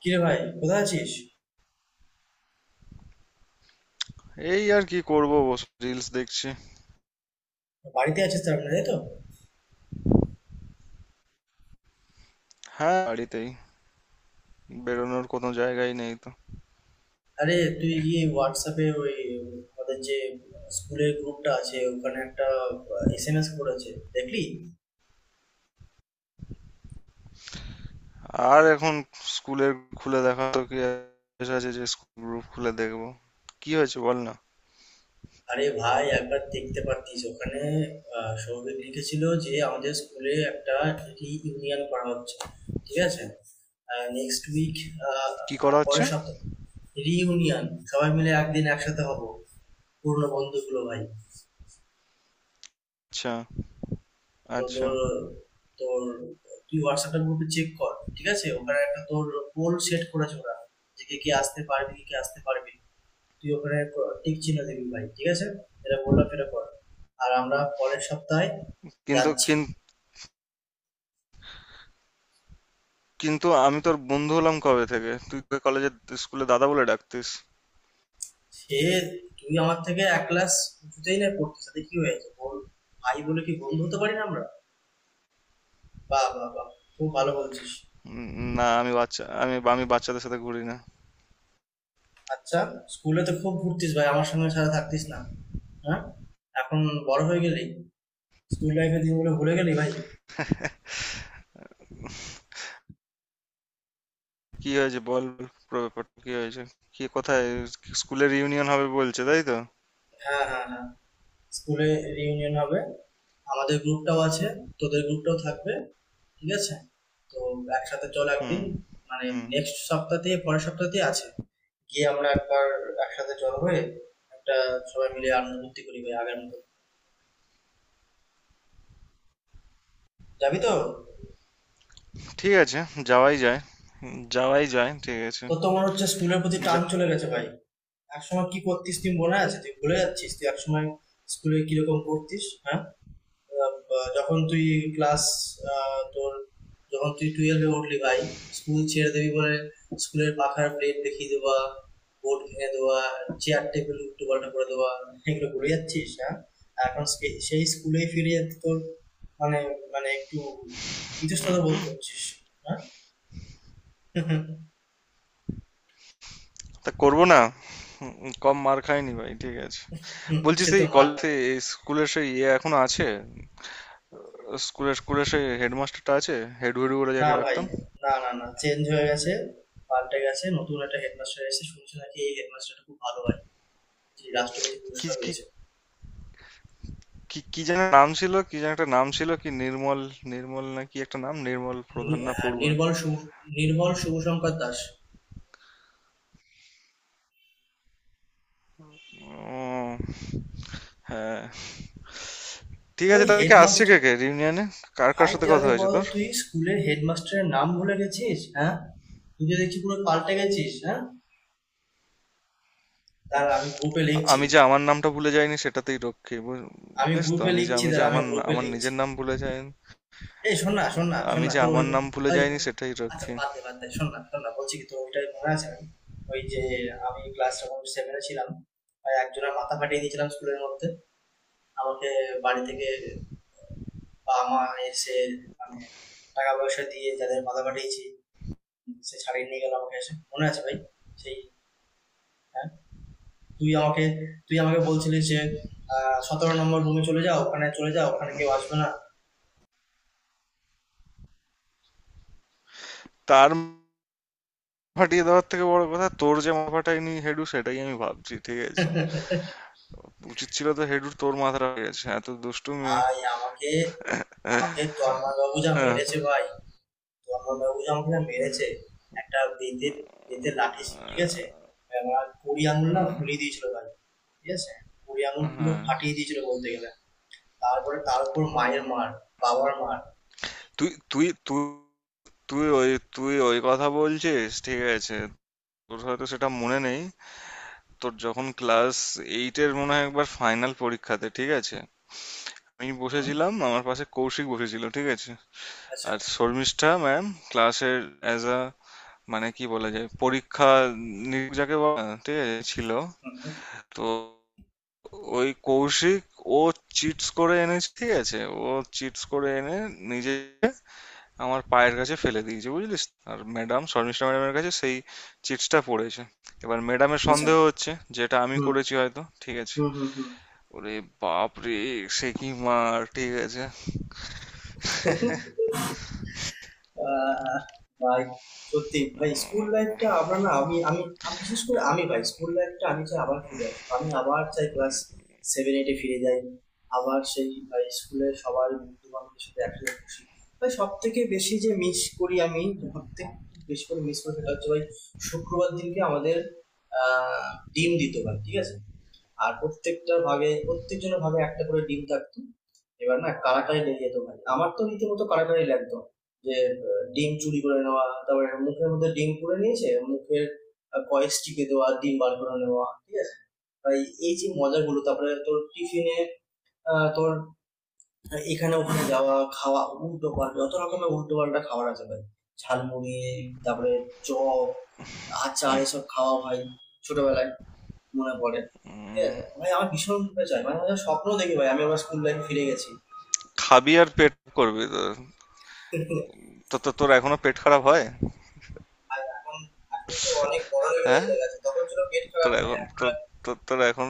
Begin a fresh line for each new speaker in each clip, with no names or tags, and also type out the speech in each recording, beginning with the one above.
কিরে ভাই, কোথায় আছিস?
এই আর কি করবো, বসে রিলস দেখছি।
বাড়িতে আছিস, তার মানে? তাই তো।
হ্যাঁ, বাড়িতেই। বেরোনোর কোনো জায়গাই নেই তো।
আরে তুই গিয়ে হোয়াটসঅ্যাপে ওই আমাদের যে স্কুলের গ্রুপটা আছে, ওখানে একটা এসএমএস করেছে, দেখলি?
আর এখন স্কুলের খুলে দেখা তো, কি আর আছে যে স্কুল গ্রুপ খুলে দেখবো? কি হয়েছে বল না।
আরে ভাই, একবার দেখতে পারতিস। ওখানে সৌভিক লিখেছিল যে আমাদের স্কুলে একটা ইউনিয়ন করা হচ্ছে। ঠিক আছে, নেক্সট উইক,
কি করা হচ্ছে?
পরের সপ্তাহে রিইউনিয়ন। সবাই মিলে একদিন একসাথে হব, পুরনো বন্ধুগুলো ভাই।
আচ্ছা।
তো
আচ্ছা।
তোর তোর তুই হোয়াটসঅ্যাপের গ্রুপে চেক কর, ঠিক আছে? ওখানে একটা তোর পোল সেট করেছে ওরা, যে কে কে আসতে পারবি, কে কে আসতে পারবি না। তুই ওখানে টিক চিহ্ন দিবি ভাই, ঠিক আছে? এটা বললাম, এটা কর। আর আমরা পরের সপ্তাহে
কিন্তু
যাচ্ছি।
কিন- কিন্তু আমি তোর বন্ধু হলাম কবে থেকে? তুই তো কলেজে স্কুলে দাদা বলে ডাকতিস।
সে, তুই আমার থেকে এক ক্লাস উঁচুতেই না পড়তিস, তাতে কি হয়েছে বল? ভাই বলে কি বন্ধু হতে পারি না আমরা? বাহ বাহ বাহ, খুব ভালো বলছিস।
উম, না, আমি বাচ্চা, আমি আমি বাচ্চাদের সাথে ঘুরি না।
আচ্ছা, স্কুলে তো খুব ঘুরতিস ভাই, আমার সঙ্গে সারা থাকতিস না? হ্যাঁ, এখন বড় হয়ে গেলি, স্কুল লাইফের দিনগুলো ভুলে গেলি ভাই।
কি হয়েছে, বল বল, পুরো ব্যাপারটা কি হয়েছে? কি, কোথায়? স্কুলের ইউনিয়ন হবে বলছে, তাই তো?
হ্যাঁ হ্যাঁ হ্যাঁ, স্কুলে রিউনিয়ন হবে। আমাদের গ্রুপটাও আছে, তোদের গ্রুপটাও থাকবে, ঠিক আছে? তো একসাথে চল
হুম
একদিন, মানে
হুম।
নেক্সট সপ্তাহ থেকে পরের সপ্তাহ থেকে আছে। গিয়ে আমরা একবার একসাথে চল হয়ে একটা সবাই মিলে আনন্দ ফুর্তি করি ভাই, আগের মতন। যাবি তো?
ঠিক আছে, যাওয়াই যায়। হুম, যাওয়াই যায়, ঠিক আছে।
তোর তো মনে হচ্ছে স্কুলের প্রতি টান
যা,
চলে গেছে ভাই। একসময় কি করতিস তুই মনে আছে? তুই ভুলে যাচ্ছিস, তুই একসময় স্কুলে কিরকম পড়তিস, হ্যাঁ? যখন তুই ক্লাস, তোর, যখন তুই টুয়েলভে উঠলি ভাই, স্কুল ছেড়ে দিবি বলে, স্কুলের পাখার প্লেট দেখিয়ে দেওয়া, বোর্ড ভেঙে দেওয়া, চেয়ার টেবিল উল্টো পাল্টা করে দেওয়া, এগুলো ভুলে যাচ্ছিস, হ্যাঁ? আর এখন সেই স্কুলেই ফিরে যেতে তোর মানে, মানে একটু ইতস্তত বোধ করছিস, হ্যাঁ?
তা করবো না। কম মার খাইনি ভাই, ঠিক আছে। বলছি
সে তো
সেই
মার
কলেজে
খাবে।
স্কুলের সেই ইয়ে এখনো আছে? স্কুলের স্কুলের সেই হেডমাস্টারটা আছে? হেড হুডু বলে
না
যাকে
ভাই,
ডাকতাম।
না না না, চেঞ্জ হয়ে গেছে, পাল্টে গেছে, নতুন একটা হেডমাস্টার এসে। শুনছি নাকি এই হেডমাস্টারটা খুব ভালো ভাই, যে রাষ্ট্রপতি
কি
পুরস্কার
কি
পেয়েছে।
কি কি যেন নাম ছিল, কি যেন একটা নাম ছিল, কি নির্মল, নির্মল না কি একটা নাম, নির্মল প্রধান না
হ্যাঁ,
পড়ুয়া?
নির্মল শুভশঙ্কর দাস।
ও, হ্যাঁ।
তুই
ঠিক আছে,
ভাই
তাহলে কি আসছে,
হেডমাস্টার,
কে কে রিউনিয়নে? কার কার
ভাই
সাথে
তুই
কথা
আগে
হয়েছে
বল,
তোর?
তুই স্কুলের হেডমাস্টারের নাম ভুলে গেছিস, হ্যাঁ? তুই তো দেখছি পুরো পাল্টে গেছিস, হ্যাঁ? তার আমি গ্রুপে লিখছি,
আমি যে আমার নামটা ভুলে যাইনি সেটাতেই রক্ষী। বুঝিস তো, আমি যে আমি
তার
যে
আমি
আমার
গ্রুপে
আমার
লিখছি।
নিজের নাম ভুলে যাইনি,
এই শোন
আমি
না,
যে
তোর ওই,
আমার নাম ভুলে
ওই,
যাইনি সেটাই
আচ্ছা
রক্ষী।
বাদ দে, শোন না, বলছি কি তোর ওইটাই মনে আছে? আমি ওই যে, আমি ক্লাস যখন সেভেনে ছিলাম ভাই, একজনের মাথা ফাটিয়ে দিয়েছিলাম স্কুলের মধ্যে। আমাকে বাড়ি থেকে বাবা মা এসে, মানে, টাকা পয়সা দিয়ে, যাদের মাথা ফাটিয়েছি সে ছাড়িয়ে নিয়ে গেল আমাকে এসে, মনে আছে ভাই? সেই, হ্যাঁ, তুই আমাকে, তুই আমাকে বলছিলিস যে 17 নম্বর রুমে চলে যাও, ওখানে চলে যাও, ওখানে কেউ আসবে না।
তার মাথা ফাটিয়ে দেওয়ার থেকে বড় কথা, তোর যে মাথা ফাটায়নি হেডু সেটাই আমি ভাবছি, ঠিক আছে। উচিত ছিল তো হেডুর, তোর মাথাটা হয়ে গেছে এত দুষ্টু মেয়ে।
ভাই আমাকে, আমাকে তন্ময় বাবু যা মেরেছে
আহ,
ভাই, তন্ময় বাবু যা আমাকে যা মেরেছে! একটা বেতের বেতের লাঠি ছিল, ঠিক আছে? আমার 20 আঙুল না
আহ,
ফুলিয়ে দিয়েছিল ভাই, ঠিক আছে? 20 আঙুল পুরো
হ্যাঁ।
ফাটিয়ে দিয়েছিল বলতে গেলে। তারপরে তার উপর মায়ের মার, বাবার মার।
তুই তুই তুই তুই ওই তুই ওই কথা বলছিস, ঠিক আছে। তোর হয়তো সেটা মনে নেই। তোর যখন ক্লাস এইটের মনে হয় একবার ফাইনাল পরীক্ষাতে, ঠিক আছে, আমি
হুম,
বসেছিলাম, আমার পাশে কৌশিক বসেছিল, ঠিক আছে।
আচ্ছা।
আর শর্মিষ্ঠা ম্যাম ক্লাসের অ্যাজ আ, মানে কি বলা যায়, পরীক্ষা নিরীক্ষক যাকে বলে না, ঠিক আছে, ছিল।
হুম হুম।
তো ওই কৌশিক ও চিটস করে এনেছে, ঠিক আছে। ও চিটস করে এনে নিজে আমার পায়ের কাছে ফেলে দিয়েছে বুঝলিস। আর ম্যাডাম, শর্মিষ্ঠা ম্যাডামের কাছে সেই চিটসটা পড়েছে। এবার ম্যাডামের
আচ্ছা।
সন্দেহ হচ্ছে যেটা আমি
হুম
করেছি হয়তো, ঠিক আছে।
হুম। হুম
ওরে বাপ রে, সে কি মার, ঠিক আছে।
হুম। আহ, ভাই সত্যি ভাই, স্কুল লাইফটা আমরা না, আমি আমি আমি বিশেষ করে আমি ভাই, স্কুল লাইফটা আমি চাই আবার ফিরে আসবো। আমি আবার চাই ক্লাস সেভেন এইটে ফিরে যাই, আবার সেই ভাই স্কুলের সবার বন্ধু বান্ধবদের সাথে একসাথে বসি। ভাই সব থেকে বেশি যে মিস করি আমি, সব থেকে বেশি করে মিস করি, সেটা হচ্ছে ভাই শুক্রবার দিনকে আমাদের আহ ডিম দিত ভাই, ঠিক আছে? আর প্রত্যেকটা ভাগে, প্রত্যেকজনের ভাগে একটা করে ডিম থাকতো। এবার না কারাকারি লেগে যেত ভাই, আমার তো রীতিমতো কারাকারি লাগতো যে ডিম চুরি করে নেওয়া, তারপরে মুখের মধ্যে ডিম পুড়ে নিয়েছে, মুখের কয়েস টিপে দেওয়া, ডিম বার করে নেওয়া, ঠিক আছে? ভাই এই যে মজাগুলো, তারপরে তোর টিফিনে তোর এখানে ওখানে যাওয়া, খাওয়া উল্টো পাল্টা, যত রকমের উল্টো পাল্টা খাবার আছে ভাই, ঝালমুড়ি, তারপরে চপ, আচার এসব খাওয়া ভাই ছোটবেলায়, মনে পড়ে? ঠিক আছে
উম,
ভাই, আমার ভীষণ রূপে চাই, মানে আমার স্বপ্ন দেখি ভাই আমি আমার স্কুল লাইফে ফিরে গেছি।
খাবি আর পেট করবি তো? তো- তো- তোর এখনো পেট খারাপ হয়?
আর এখন, এখন তো অনেক বড় লেভেলে
হ্যাঁ,
চলে গেছে, তখন ছিল পেট খারাপ
তোর
ভাই,
এখন,
এখন
তোর,
হয়-।
তোর এখন...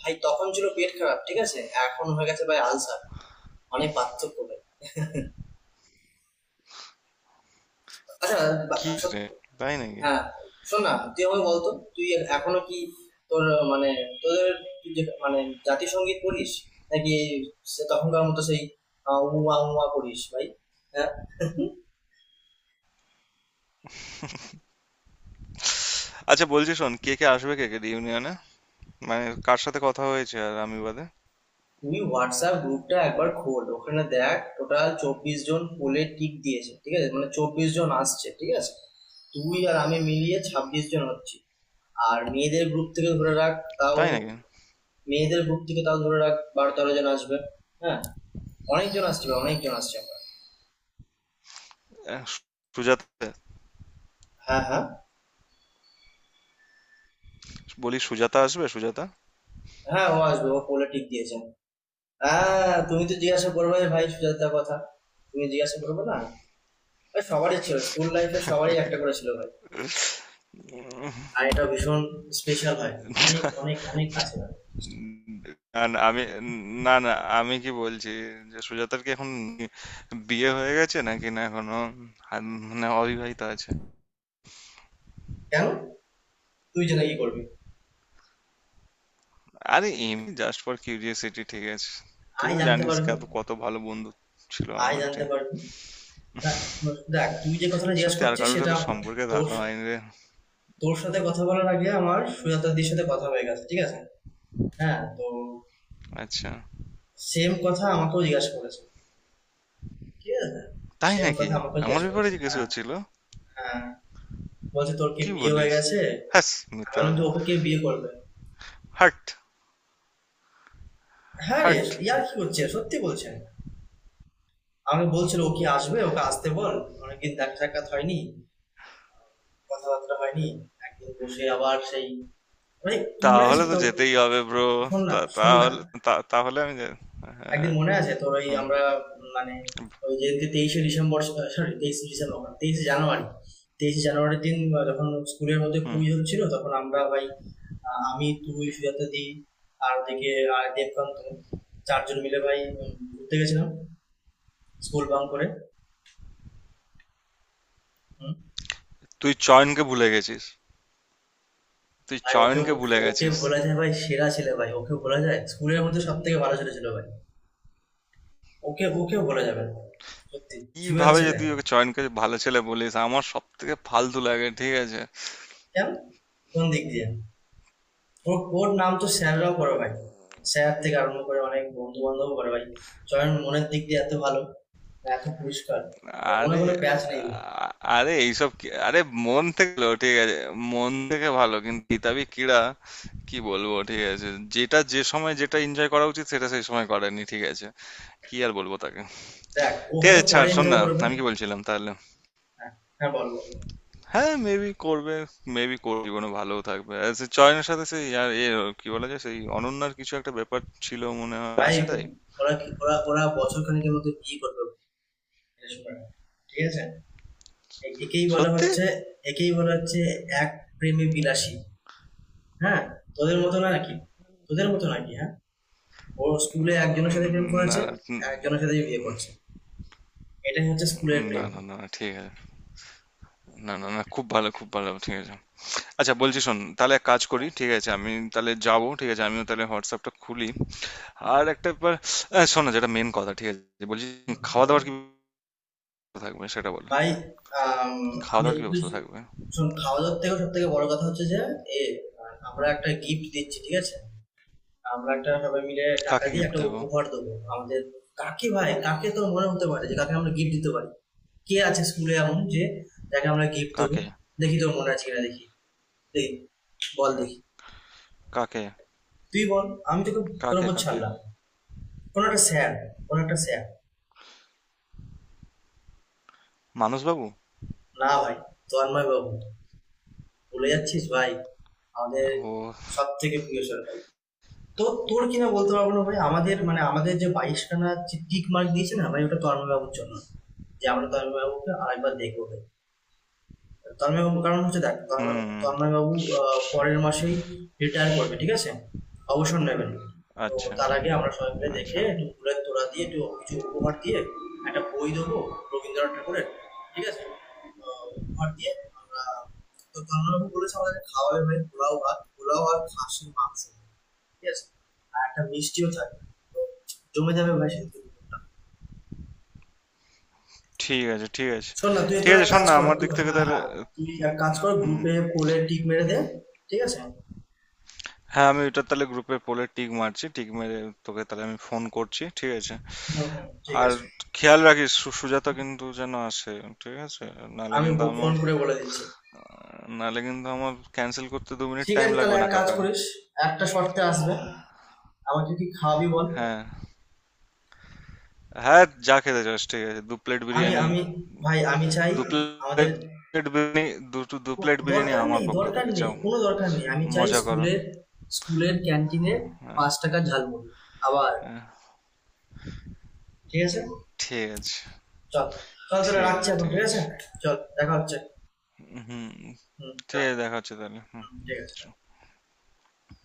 ভাই তখন ছিল পেট খারাপ, ঠিক আছে, এখন হয়ে গেছে ভাই আলসার, অনেক পার্থক্য ভাই। আচ্ছা,
কি রে,
সত্যি?
তাই নাকি?
হ্যাঁ, শোন না, তুই আমাকে বলতো, তুই এখনো কি তোর মানে তোদের, তুই যে মানে জাতীয় সঙ্গীত পড়িস নাকি সে তখনকার মতো সেই উমা উমা করিস ভাই, হ্যাঁ?
আচ্ছা, বলছি শোন, কে কে আসবে, কে কে ইউনিয়নে, মানে কার সাথে কথা হয়েছে আর আমি বাদে?
তুই হোয়াটসঅ্যাপ গ্রুপটা একবার খোল, ওখানে দেখ, টোটাল 24 জন পোলে টিক দিয়েছে, ঠিক আছে? মানে 24 জন আসছে, ঠিক আছে? তুই আর আমি মিলিয়ে 26 জন হচ্ছি। আর মেয়েদের গ্রুপ থেকে ধরে রাখ, তাও
তাই নাকি?
মেয়েদের গ্রুপ থেকে তাও ধরে রাখ 12-13 জন আসবে। হ্যাঁ, অনেকজন আসছে ভাই, অনেকজন আসছে। আমরা,
আহ, সু- সুজাতা,
হ্যাঁ হ্যাঁ,
বলি সুজাতা আসবে? সুজাতা?
হ্যাঁ ও আসবে, ও পোলে টিক দিয়েছে। হ্যাঁ, তুমি তো জিজ্ঞাসা করবে ভাই সুজাতার কথা, তুমি জিজ্ঞাসা করবে না? ভাই, সবারই ছিল স্কুল লাইফে, সবারই একটা করে ছিল ভাই। আর এটা ভীষণ স্পেশাল হয়, অনেক অনেক অনেক কাছে হয় জিনিসটা।
না, না, আমি, না, না, আমি কি বলছি, যে সুজাতার কি এখন বিয়ে হয়ে গেছে নাকি, না এখনো মানে অবিবাহিত আছে?
কেন, তুই যেটা ইয়ে করবি?
আরে এমনি জাস্ট ফর কিউরিয়াসিটি, ঠিক আছে। তুই
আয়,
তো
জানতে
জানিস
পারবি।
কত কত ভালো বন্ধু ছিল
আয়,
আমার,
জানতে
ঠিক।
পারবি। দেখ, দেখ তুই যে কথাটা জিজ্ঞেস
সত্যি আর
করছিস
কারোর
সেটা,
সাথে সম্পর্কে
তোর,
দেখা হয়নি রে।
তোর সাথে কথা বলার আগে আমার সুজাতাদির সাথে কথা হয়ে গেছে, ঠিক আছে? হ্যাঁ, তো
আচ্ছা।
সেম কথা আমাকেও জিজ্ঞাসা করেছে, ঠিক আছে?
তাই
সেম
নাকি?
কথা আমাকেও
আমার
জিজ্ঞাসা
ব্যাপারে
করেছে,
জিজ্ঞেস
হ্যাঁ।
করছিল?
হ্যাঁ, বলছে তোর কি
কি
বিয়ে হয়ে
বলিস!
গেছে।
হ্যাস
আমি
মিথ্যা।
বললাম যে ওকে কে বিয়ে করবে।
হাট।
হ্যাঁ রে,
হাট।
ইয়ার কি হচ্ছে, সত্যি বলছেন। আমাকে বলছিল ও কি আসবে, ওকে আসতে বল, অনেকদিন দেখা সাক্ষাৎ হয়নি, কথাবার্তা হয়নি, একদিন বসে আবার সেই মানে। মনে আছে
তাহলে তো
তোর?
যেতেই হবে, ব্রো।
শোন না শোন না
তাহলে, তাহলে আমি যে-, হ্যাঁ।
একদিন মনে আছে তোর ওই
হুম।
আমরা মানে ওই যেদিনকে 23শে ডিসেম্বর, সরি 23শে ডিসেম্বর মানে 23শে জানুয়ারি, 23শে জানুয়ারির দিন যখন স্কুলের মধ্যে
হুম,
কুইজ হচ্ছিল তখন আমরা ভাই, আমি, তুই, সুজাতা দি আর ওদিকে আর দেবকান্ত, চারজন মিলে ভাই ঘুরতে গেছিলাম স্কুল বাং করে। হুম।
তুই চয়নকে ভুলে গেছিস। তুই
ভাই ওকে,
চয়নকে ভুলে
ওকে
গেছিস।
ভোলা যায় ভাই? সেরা ছেলে ভাই, ওকে ভোলা যায়? স্কুলের মধ্যে সব থেকে ভালো ছেলে ছিল ভাই, ওকে ওকে ভোলা যাবে না ভাই। সত্যি জুয়েল
কিভাবে যে
ছেলে।
তুই ওকে, চয়নকে, ভালো ছেলে বলিস, আমার সবথেকে ফালতু লাগে, ঠিক আছে।
কেন, কোন দিক দিয়ে? ওর ওর নাম তো স্যাররাও করে ভাই, স্যার থেকে আরম্ভ করে অনেক বন্ধু বান্ধব করে ভাই। চয়ন মনের দিক দিয়ে এত ভালো, আর এত পরিষ্কার, আর মনে
আরে,
কোনো প্যাচ নেই ভাই।
আরে এইসব কি, আরে মন থেকে ভালো, ঠিক আছে, মন থেকে ভালো কিন্তু কিতাবি কিড়া, কি বলবো, ঠিক আছে। যেটা যে সময় যেটা এনজয় করা উচিত সেটা সেই সময় করেনি, ঠিক আছে। কি আর বলবো তাকে?
দেখ, ও
ঠিক
হয়তো
আছে,
পরে
ছাড়, শোন
এনজয়
না,
করবে।
আমি কি বলছিলাম তাহলে?
হ্যাঁ, হ্যাঁ বল বল।
হ্যাঁ, মেবি করবে, মেবি করবে জীবনে, ভালোও থাকবে, আর সে চয়নের সাথে সেই, আর এ কি বলা যায়, সেই অনন্যার কিছু একটা ব্যাপার ছিল মনে হয়,
ভাই
আছে তাই?
ওরা ওরা বছর খানিকের মধ্যে বিয়ে করবে ভাই, এটা শুনে রাখ। ঠিক আছে, একেই বলা
সত্যি?
হচ্ছে, একেই বলা হচ্ছে এক প্রেমে বিলাসী, হ্যাঁ। তোদের মতো না নাকি, তোদের মতো নাকি, হ্যাঁ? ও স্কুলে একজনের সাথে প্রেম
উম, না,
করেছে,
না।
একজনের সাথে বিয়ে করছে, এটাই হচ্ছে স্কুলের
না,
প্রেম।
না, না, ঠিক আছে। না, না, না, খুব ভালো, খুব ভালো, ঠিক আছে। আচ্ছা, বলছি
হুম।
শোন, তাহলে এক কাজ করি, ঠিক আছে, আমি তাহলে যাব, ঠিক আছে, আমিও তাহলে হোয়াটসঅ্যাপটা খুলি। আর একটা ব্যাপার, শোন না, যেটা মেন কথা, ঠিক আছে, বলছি,
হুম,
খাওয়া
বল।
দাওয়ার কি ব্যবস্থা থাকবে সেটা বলো?
ভাই, আম,
খাওয়া
আমি
দাওয়ার কি
যতদূর,
ব্যবস্থা থাকবে?
শোন, খাওয়া দাওয়ার থেকে সব থেকে বড় কথা হচ্ছে যে এ, আমরা একটা গিফট দিচ্ছি, ঠিক আছে? আমরা একটা, সবাই মিলে টাকা
কাকে
দিয়ে
গিফট
একটা
দেবো?
উপহার দেবো আমাদের। কাকে ভাই, কাকে তোর মনে হতে পারে যে কাকে আমরা গিফট দিতে পারি? কে আছে স্কুলে এমন যে যাকে আমরা গিফট দেবো?
কাকে?
দেখি তোর মনে আছে কিনা দেখি। এই বল দেখি।
কা- কাকে?
তুই বল, আমি তোকে, তোর
কাকে
উপর
কাকে?
ছাড়লাম। কোনো একটা স্যার, কোনো একটা স্যার।
মানসবাবু?
না ভাই, তন্ময় বাবু, বলে যাচ্ছিস ভাই আমাদের
ও।
সব থেকে প্রিয় স্যার ভাই। তো তোর কিনা বলতে পারবো না ভাই, আমাদের মানে আমাদের যে বাইশখানা টিক মার্ক দিয়েছে না ভাই, ওটা তন্ময় বাবুর জন্য, যে আমরা তন্ময় বাবুকে আরেকবার দেখবো ভাই। তন্ময়বাবু, কারণ হচ্ছে, দেখ,
হুম।
তন্ময়বাবু
স-
পরের মাসেই রিটায়ার করবে,
স-
ঠিক আছে? অবসর নেবেন। তো
আচ্ছা।
তার আগে আমরা সবাই মিলে দেখে
আচ্ছা।
একটু ফুলের তোড়া দিয়ে একটু কিছু উপহার দিয়ে একটা বই দেবো, রবীন্দ্রনাথ ঠাকুরের, ঠিক আছে? তো উপহার দিয়ে আমরা। তো তন্ময়বাবু বলেছে আমাদের খাওয়াবে ভাই, পোলাও ভাত, পোলাও আর খাসির মাংস, ঠিক আছে? আর একটা মিষ্টিও থাকবে। তো জমে যাবে ভাই সেদিকে দুপুরটা।
ঠিক আছে। ঠিক আছে।
শোন না, তুই
ঠিক
তোরা
আছে, শোন
কাজ
না,
কর
আমার
তুই,
দিক থেকে
হ্যাঁ
তাহলে,
হ্যাঁ, তুই এক কাজ কর,
হুম,
গ্রুপে কোলে টিক মেরে দে, ঠিক আছে?
হ্যাঁ, আমি এটা তাহলে গ্রুপে পোলে টিক মারছি, টিক মেরে তোকে তাহলে আমি ফোন করছি, ঠিক আছে।
হুম হুম, ঠিক
আর
আছে।
খেয়াল রাখিস, সুজাতা কিন্তু যেন আসে, ঠিক আছে। নালে
আমি
কিন্তু
ফোন
আমার
করে বলে দিচ্ছি।
নালে কিন্তু আমার ক্যান্সেল করতে 2 মিনিট
ঠিক
টাইম
আছে তাহলে
লাগবে না
এক কাজ
কাকা।
করিস, একটা শর্তে আসবে, আমাকে কি খাওয়াবি বল।
হ্যাঁ, হ্যাঁ, যা খেতে চাস, ঠিক আছে, দু প্লেট
আমি
বিরিয়ানি,
আমি ভাই আমি চাই
দু
আমাদের,
প্লেট প্লেট বিরিয়ানি, দু প্লেট বিরিয়ানি
দরকার
আমার
নেই,
পক্ষ
দরকার
থেকে,
নেই,
যাও
কোনো দরকার নেই, আমি চাই
মজা করো।
স্কুলের, স্কুলের ক্যান্টিনে
হ্যাঁ,
5 টাকার ঝালমুড়ি আবার,
হ্যাঁ।
ঠিক আছে?
ঠিক আছে,
চল, চল তাহলে
ঠিক
রাখছি
আছে,
এখন,
ঠিক
ঠিক আছে।
আছে।
চল, দেখা হচ্ছে।
হুম,
হুম,
ঠিক
রাখ।
আছে, দেখা হচ্ছে তাহলে, হুম।
হুম, ঠিক আছে।